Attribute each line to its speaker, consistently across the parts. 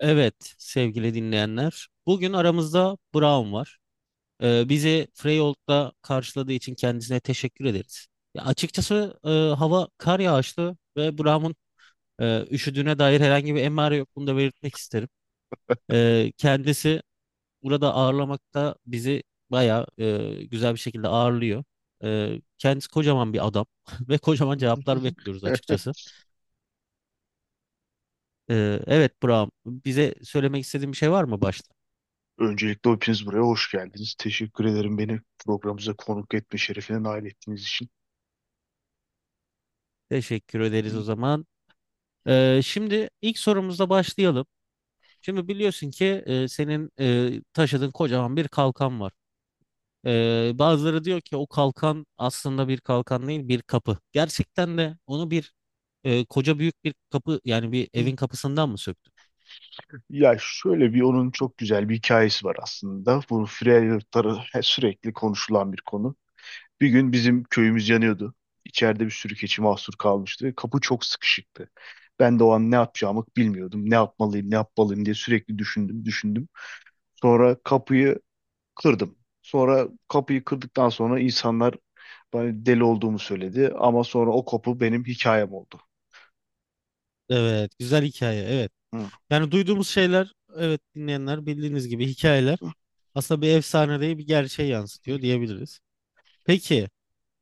Speaker 1: Evet sevgili dinleyenler. Bugün aramızda Brown var. Bizi Freyold'da karşıladığı için kendisine teşekkür ederiz. Ya açıkçası hava kar yağışlı ve Brown'un üşüdüğüne dair herhangi bir emare yok. Bunu da belirtmek isterim. Kendisi burada ağırlamakta bizi bayağı güzel bir şekilde ağırlıyor. Kendisi kocaman bir adam ve kocaman cevaplar bekliyoruz açıkçası. Evet Brown, bize söylemek istediğin bir şey var mı başta?
Speaker 2: Öncelikle hepiniz buraya hoş geldiniz. Teşekkür ederim beni programımıza konuk etme şerefine nail ettiğiniz için.
Speaker 1: Teşekkür
Speaker 2: Hı,
Speaker 1: ederiz o zaman. Şimdi ilk sorumuzla başlayalım. Şimdi biliyorsun ki senin taşıdığın kocaman bir kalkan var. Bazıları diyor ki o kalkan aslında bir kalkan değil bir kapı. Gerçekten de onu bir koca büyük bir kapı, yani bir
Speaker 2: hı.
Speaker 1: evin kapısından mı söktün?
Speaker 2: Ya şöyle bir onun çok güzel bir hikayesi var aslında. Bu Freyalıkları sürekli konuşulan bir konu. Bir gün bizim köyümüz yanıyordu. İçeride bir sürü keçi mahsur kalmıştı. Kapı çok sıkışıktı. Ben de o an ne yapacağımı bilmiyordum. Ne yapmalıyım, ne yapmalıyım diye sürekli düşündüm, düşündüm. Sonra kapıyı kırdım. Sonra kapıyı kırdıktan sonra insanlar bana deli olduğumu söyledi. Ama sonra o kapı benim hikayem oldu.
Speaker 1: Evet, güzel hikaye. Evet.
Speaker 2: Hı.
Speaker 1: Yani duyduğumuz şeyler, evet dinleyenler, bildiğiniz gibi hikayeler aslında bir efsane değil bir gerçeği yansıtıyor diyebiliriz. Peki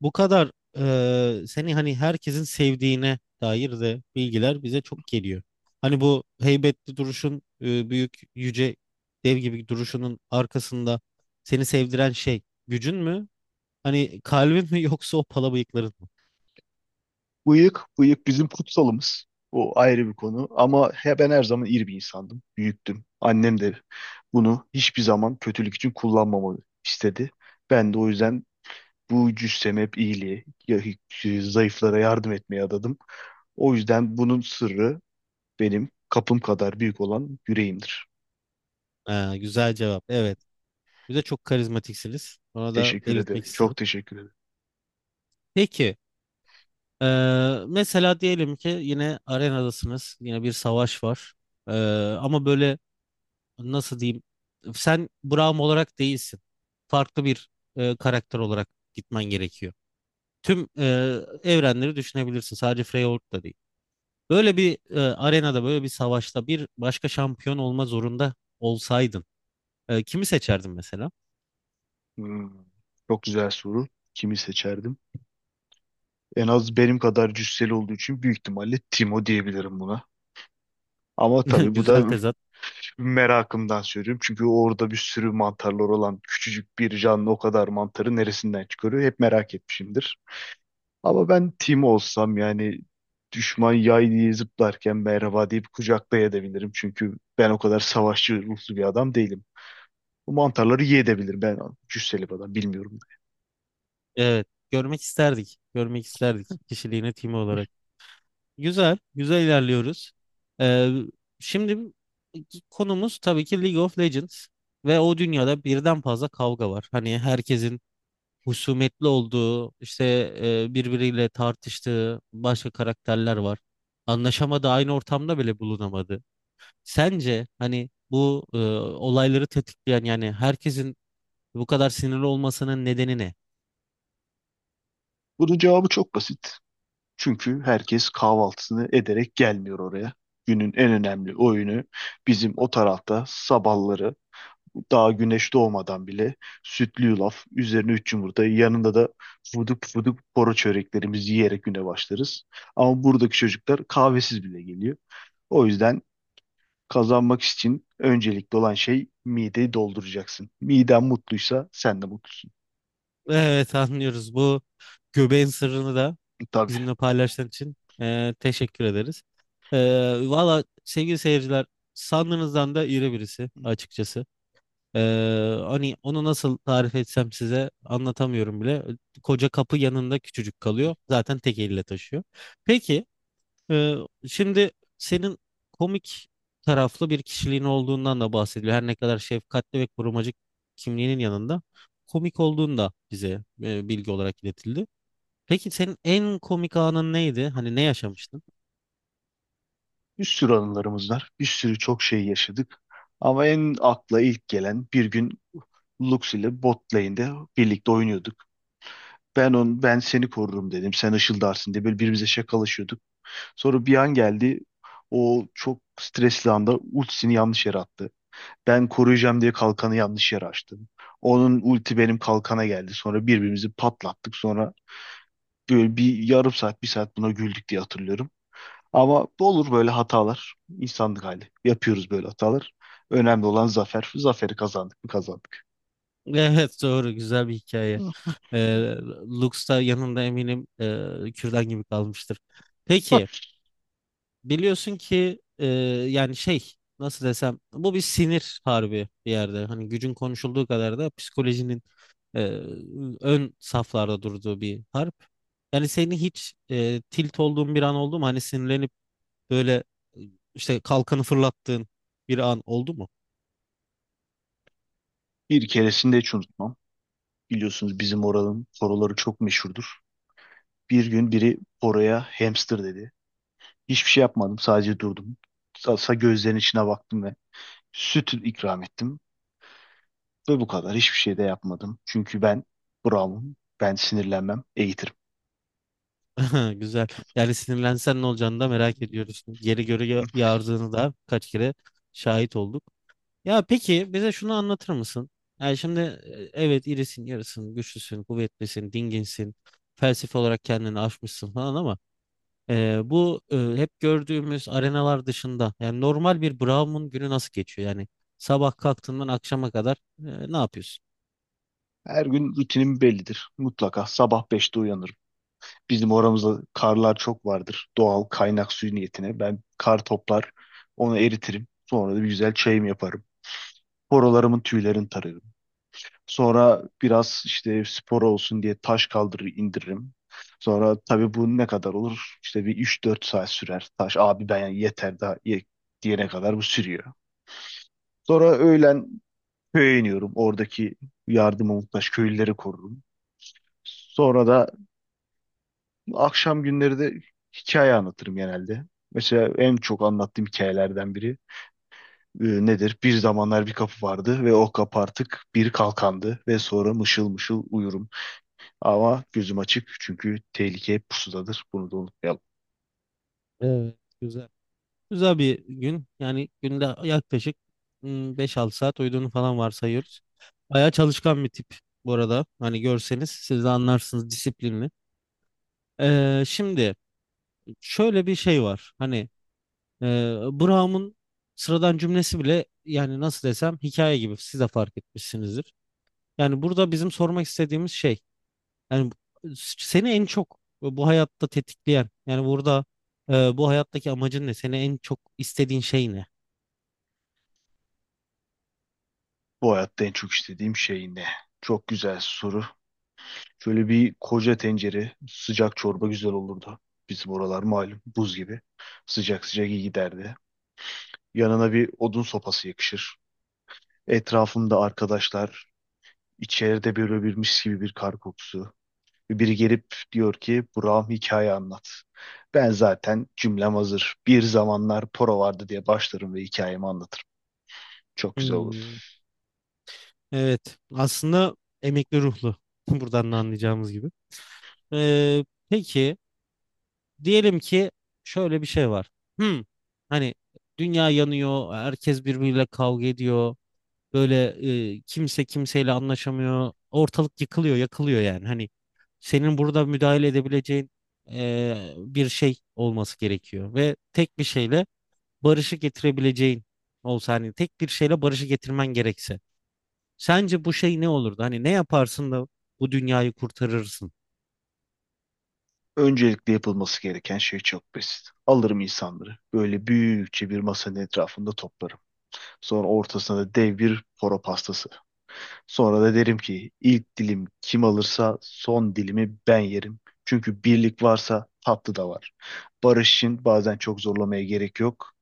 Speaker 1: bu kadar seni hani herkesin sevdiğine dair de bilgiler bize çok geliyor. Hani bu heybetli duruşun, büyük yüce dev gibi duruşunun arkasında seni sevdiren şey gücün mü? Hani kalbin mi yoksa o pala bıyıkların mı?
Speaker 2: Bıyık, bıyık bizim kutsalımız. O ayrı bir konu. Ama he, ben her zaman iyi bir insandım. Büyüktüm. Annem de bunu hiçbir zaman kötülük için kullanmamamı istedi. Ben de o yüzden bu cüssemi hep iyiliğe, zayıflara yardım etmeye adadım. O yüzden bunun sırrı benim kapım kadar büyük olan yüreğimdir.
Speaker 1: Ha, güzel cevap. Evet. Bize çok karizmatiksiniz. Ona da
Speaker 2: Teşekkür
Speaker 1: belirtmek
Speaker 2: ederim.
Speaker 1: isterim.
Speaker 2: Çok teşekkür ederim.
Speaker 1: Peki, e, mesela diyelim ki yine arenadasınız, yine bir savaş var. E, Ama böyle nasıl diyeyim, sen Braum olarak değilsin. Farklı bir karakter olarak gitmen gerekiyor. Tüm evrenleri düşünebilirsin, sadece Freyorg da değil. Böyle bir arenada, böyle bir savaşta bir başka şampiyon olma zorunda olsaydın, kimi seçerdin mesela?
Speaker 2: Hmm, Çok güzel soru. Kimi seçerdim? En az benim kadar cüsseli olduğu için büyük ihtimalle Timo diyebilirim buna. Ama tabii bu
Speaker 1: Güzel
Speaker 2: da
Speaker 1: tezat.
Speaker 2: merakımdan söylüyorum. Çünkü orada bir sürü mantarlar olan küçücük bir canlı o kadar mantarı neresinden çıkarıyor? Hep merak etmişimdir. Ama ben Timo olsam yani düşman yay diye zıplarken merhaba deyip kucaklayabilirim. Çünkü ben o kadar savaşçı ruhlu bir adam değilim. Bu mantarları yiyebilirim. Ben cüsseli bir adam bilmiyorum.
Speaker 1: Evet, görmek isterdik, görmek isterdik kişiliğini, timi olarak. Güzel, güzel ilerliyoruz. Ee, Şimdi konumuz tabii ki League of Legends ve o dünyada birden fazla kavga var. Hani herkesin husumetli olduğu, işte birbiriyle tartıştığı başka karakterler var. Anlaşamadığı, aynı ortamda bile bulunamadı. Sence hani bu olayları tetikleyen, yani herkesin bu kadar sinirli olmasının nedeni ne?
Speaker 2: Bunun cevabı çok basit. Çünkü herkes kahvaltısını ederek gelmiyor oraya. Günün en önemli oyunu bizim o tarafta sabahları daha güneş doğmadan bile sütlü yulaf, üzerine üç yumurta, yanında da fuduk fuduk poro çöreklerimizi yiyerek güne başlarız. Ama buradaki çocuklar kahvesiz bile geliyor. O yüzden kazanmak için öncelikli olan şey mideyi dolduracaksın. Miden mutluysa sen de mutlusun.
Speaker 1: Evet anlıyoruz. Bu göbeğin sırrını da
Speaker 2: Tabii.
Speaker 1: bizimle paylaştığın için teşekkür ederiz. E, Valla sevgili seyirciler, sandığınızdan da iri birisi açıkçası. E, Hani onu nasıl tarif etsem size anlatamıyorum bile. Koca kapı yanında küçücük kalıyor. Zaten tek elle taşıyor. Peki e, şimdi senin komik taraflı bir kişiliğin olduğundan da bahsediliyor. Her ne kadar şefkatli ve korumacı kimliğinin yanında komik olduğunda bize bilgi olarak iletildi. Peki senin en komik anın neydi? Hani ne yaşamıştın?
Speaker 2: Bir sürü anılarımız var. Bir sürü çok şey yaşadık. Ama en akla ilk gelen bir gün Lux ile bot lane'de birlikte oynuyorduk. Ben seni korurum dedim. Sen ışıldarsın diye böyle birbirimize şakalaşıyorduk. Sonra bir an geldi. O çok stresli anda ultisini yanlış yere attı. Ben koruyacağım diye kalkanı yanlış yere açtım. Onun ulti benim kalkana geldi. Sonra birbirimizi patlattık. Sonra böyle bir yarım saat, bir saat buna güldük diye hatırlıyorum. Ama olur böyle hatalar. İnsanlık hali. Yapıyoruz böyle hatalar. Önemli olan zafer. Zaferi kazandık mı kazandık.
Speaker 1: Evet doğru, güzel bir hikaye.
Speaker 2: Hı.
Speaker 1: Ee, Lux da yanında eminim kürdan gibi kalmıştır.
Speaker 2: Bak.
Speaker 1: Peki biliyorsun ki yani şey, nasıl desem, bu bir sinir harbi bir yerde. Hani gücün konuşulduğu kadar da psikolojinin e, ön saflarda durduğu bir harp. Yani seni hiç tilt olduğun bir an oldu mu? Hani sinirlenip böyle e, işte kalkanı fırlattığın bir an oldu mu?
Speaker 2: Bir keresinde hiç unutmam. Biliyorsunuz bizim oranın poroları çok meşhurdur. Bir gün biri poroya hamster dedi. Hiçbir şey yapmadım. Sadece durdum. Gözlerinin içine baktım ve süt ikram ettim. Ve bu kadar. Hiçbir şey de yapmadım. Çünkü ben Brown'um. Ben sinirlenmem. Eğitirim.
Speaker 1: Ha, güzel. Yani sinirlensen ne olacağını da merak ediyoruz. Yeri göre yağardığını da kaç kere şahit olduk. Ya peki bize şunu anlatır mısın? Yani şimdi evet irisin, yarısın, güçlüsün, kuvvetlisin, dinginsin. Felsefe olarak kendini aşmışsın falan ama bu hep gördüğümüz arenalar dışında yani normal bir Brahmin günü nasıl geçiyor? Yani sabah kalktığından akşama kadar ne yapıyorsun?
Speaker 2: Her gün rutinim bellidir. Mutlaka sabah 5'te uyanırım. Bizim oramızda karlar çok vardır. Doğal kaynak suyu niyetine. Ben kar toplar, onu eritirim. Sonra da bir güzel çayım yaparım. Horolarımın tüylerini tararım. Sonra biraz işte spor olsun diye taş kaldırır indiririm. Sonra tabii bu ne kadar olur? İşte bir 3-4 saat sürer. Taş abi ben yani yeter daha ye, diyene kadar bu sürüyor. Sonra öğlen köye iniyorum. Oradaki yardıma muhtaç köylüleri korurum. Sonra da akşam günleri de hikaye anlatırım genelde. Mesela en çok anlattığım hikayelerden biri nedir? Bir zamanlar bir kapı vardı ve o kapı artık bir kalkandı ve sonra mışıl mışıl uyurum. Ama gözüm açık çünkü tehlike hep pusudadır. Bunu da unutmayalım.
Speaker 1: Evet, güzel. Güzel bir gün. Yani günde yaklaşık hmm, 5-6 saat uyuduğunu falan varsayıyoruz. Bayağı çalışkan bir tip bu arada. Hani görseniz siz de anlarsınız, disiplinli. Şimdi şöyle bir şey var. Hani e, Brown'un sıradan cümlesi bile yani nasıl desem hikaye gibi, siz de fark etmişsinizdir. Yani burada bizim sormak istediğimiz şey, yani seni en çok bu hayatta tetikleyen, yani burada bu hayattaki amacın ne? Seni en çok istediğin şey ne?
Speaker 2: Bu hayatta en çok istediğim şey ne? Çok güzel soru. Şöyle bir koca tencere sıcak çorba güzel olurdu. Bizim oralar malum buz gibi. Sıcak sıcak iyi giderdi. Yanına bir odun sopası yakışır. Etrafımda arkadaşlar, İçeride böyle birmiş gibi bir kar kokusu. Biri gelip diyor ki Burak'ım hikaye anlat. Ben zaten cümlem hazır. Bir zamanlar Poro vardı diye başlarım ve hikayemi anlatırım. Çok güzel olur.
Speaker 1: Hmm, evet. Aslında emekli ruhlu. Buradan da anlayacağımız gibi. Peki diyelim ki şöyle bir şey var. Hmm, hani dünya yanıyor, herkes birbiriyle kavga ediyor. Böyle kimse kimseyle anlaşamıyor. Ortalık yıkılıyor, yakılıyor yani. Hani senin burada müdahale edebileceğin bir şey olması gerekiyor. Ve tek bir şeyle barışı getirebileceğin olsa, hani tek bir şeyle barışı getirmen gerekse. Sence bu şey ne olurdu? Hani ne yaparsın da bu dünyayı kurtarırsın?
Speaker 2: Öncelikle yapılması gereken şey çok basit. Alırım insanları. Böyle büyükçe bir masanın etrafında toplarım. Sonra ortasına da dev bir poro pastası. Sonra da derim ki ilk dilim kim alırsa son dilimi ben yerim. Çünkü birlik varsa tatlı da var. Barış için bazen çok zorlamaya gerek yok.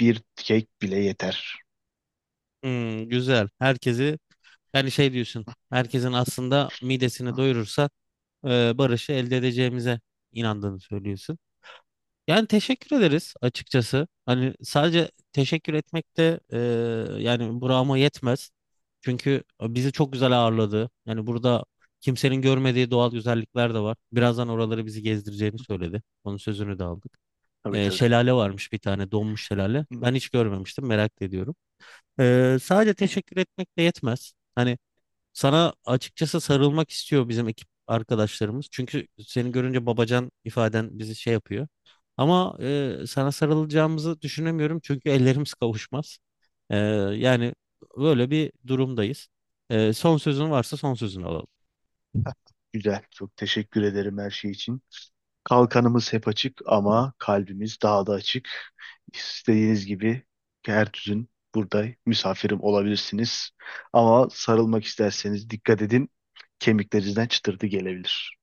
Speaker 2: Bir kek bile yeter.
Speaker 1: Hmm, güzel. Herkesi, yani şey diyorsun. Herkesin aslında
Speaker 2: Hı.
Speaker 1: midesini doyurursa barışı elde edeceğimize inandığını söylüyorsun. Yani teşekkür ederiz açıkçası. Hani sadece teşekkür etmek de yani burama yetmez. Çünkü bizi çok güzel ağırladı. Yani burada kimsenin görmediği doğal güzellikler de var. Birazdan oraları bizi gezdireceğini söyledi. Onun sözünü de aldık.
Speaker 2: Tabii tabii.
Speaker 1: Şelale varmış, bir tane donmuş şelale.
Speaker 2: Hı.
Speaker 1: Ben hiç görmemiştim, merak da ediyorum. Sadece teşekkür etmek de yetmez. Hani sana açıkçası sarılmak istiyor bizim ekip arkadaşlarımız. Çünkü seni görünce babacan ifaden bizi şey yapıyor. Ama sana sarılacağımızı düşünemiyorum çünkü ellerimiz kavuşmaz. E, Yani böyle bir durumdayız. Son sözün varsa son sözünü alalım.
Speaker 2: Güzel. Çok teşekkür ederim her şey için. Kalkanımız hep açık ama kalbimiz daha da açık. İstediğiniz gibi her düzün burada misafirim olabilirsiniz. Ama sarılmak isterseniz dikkat edin. Kemiklerinizden çıtırtı gelebilir.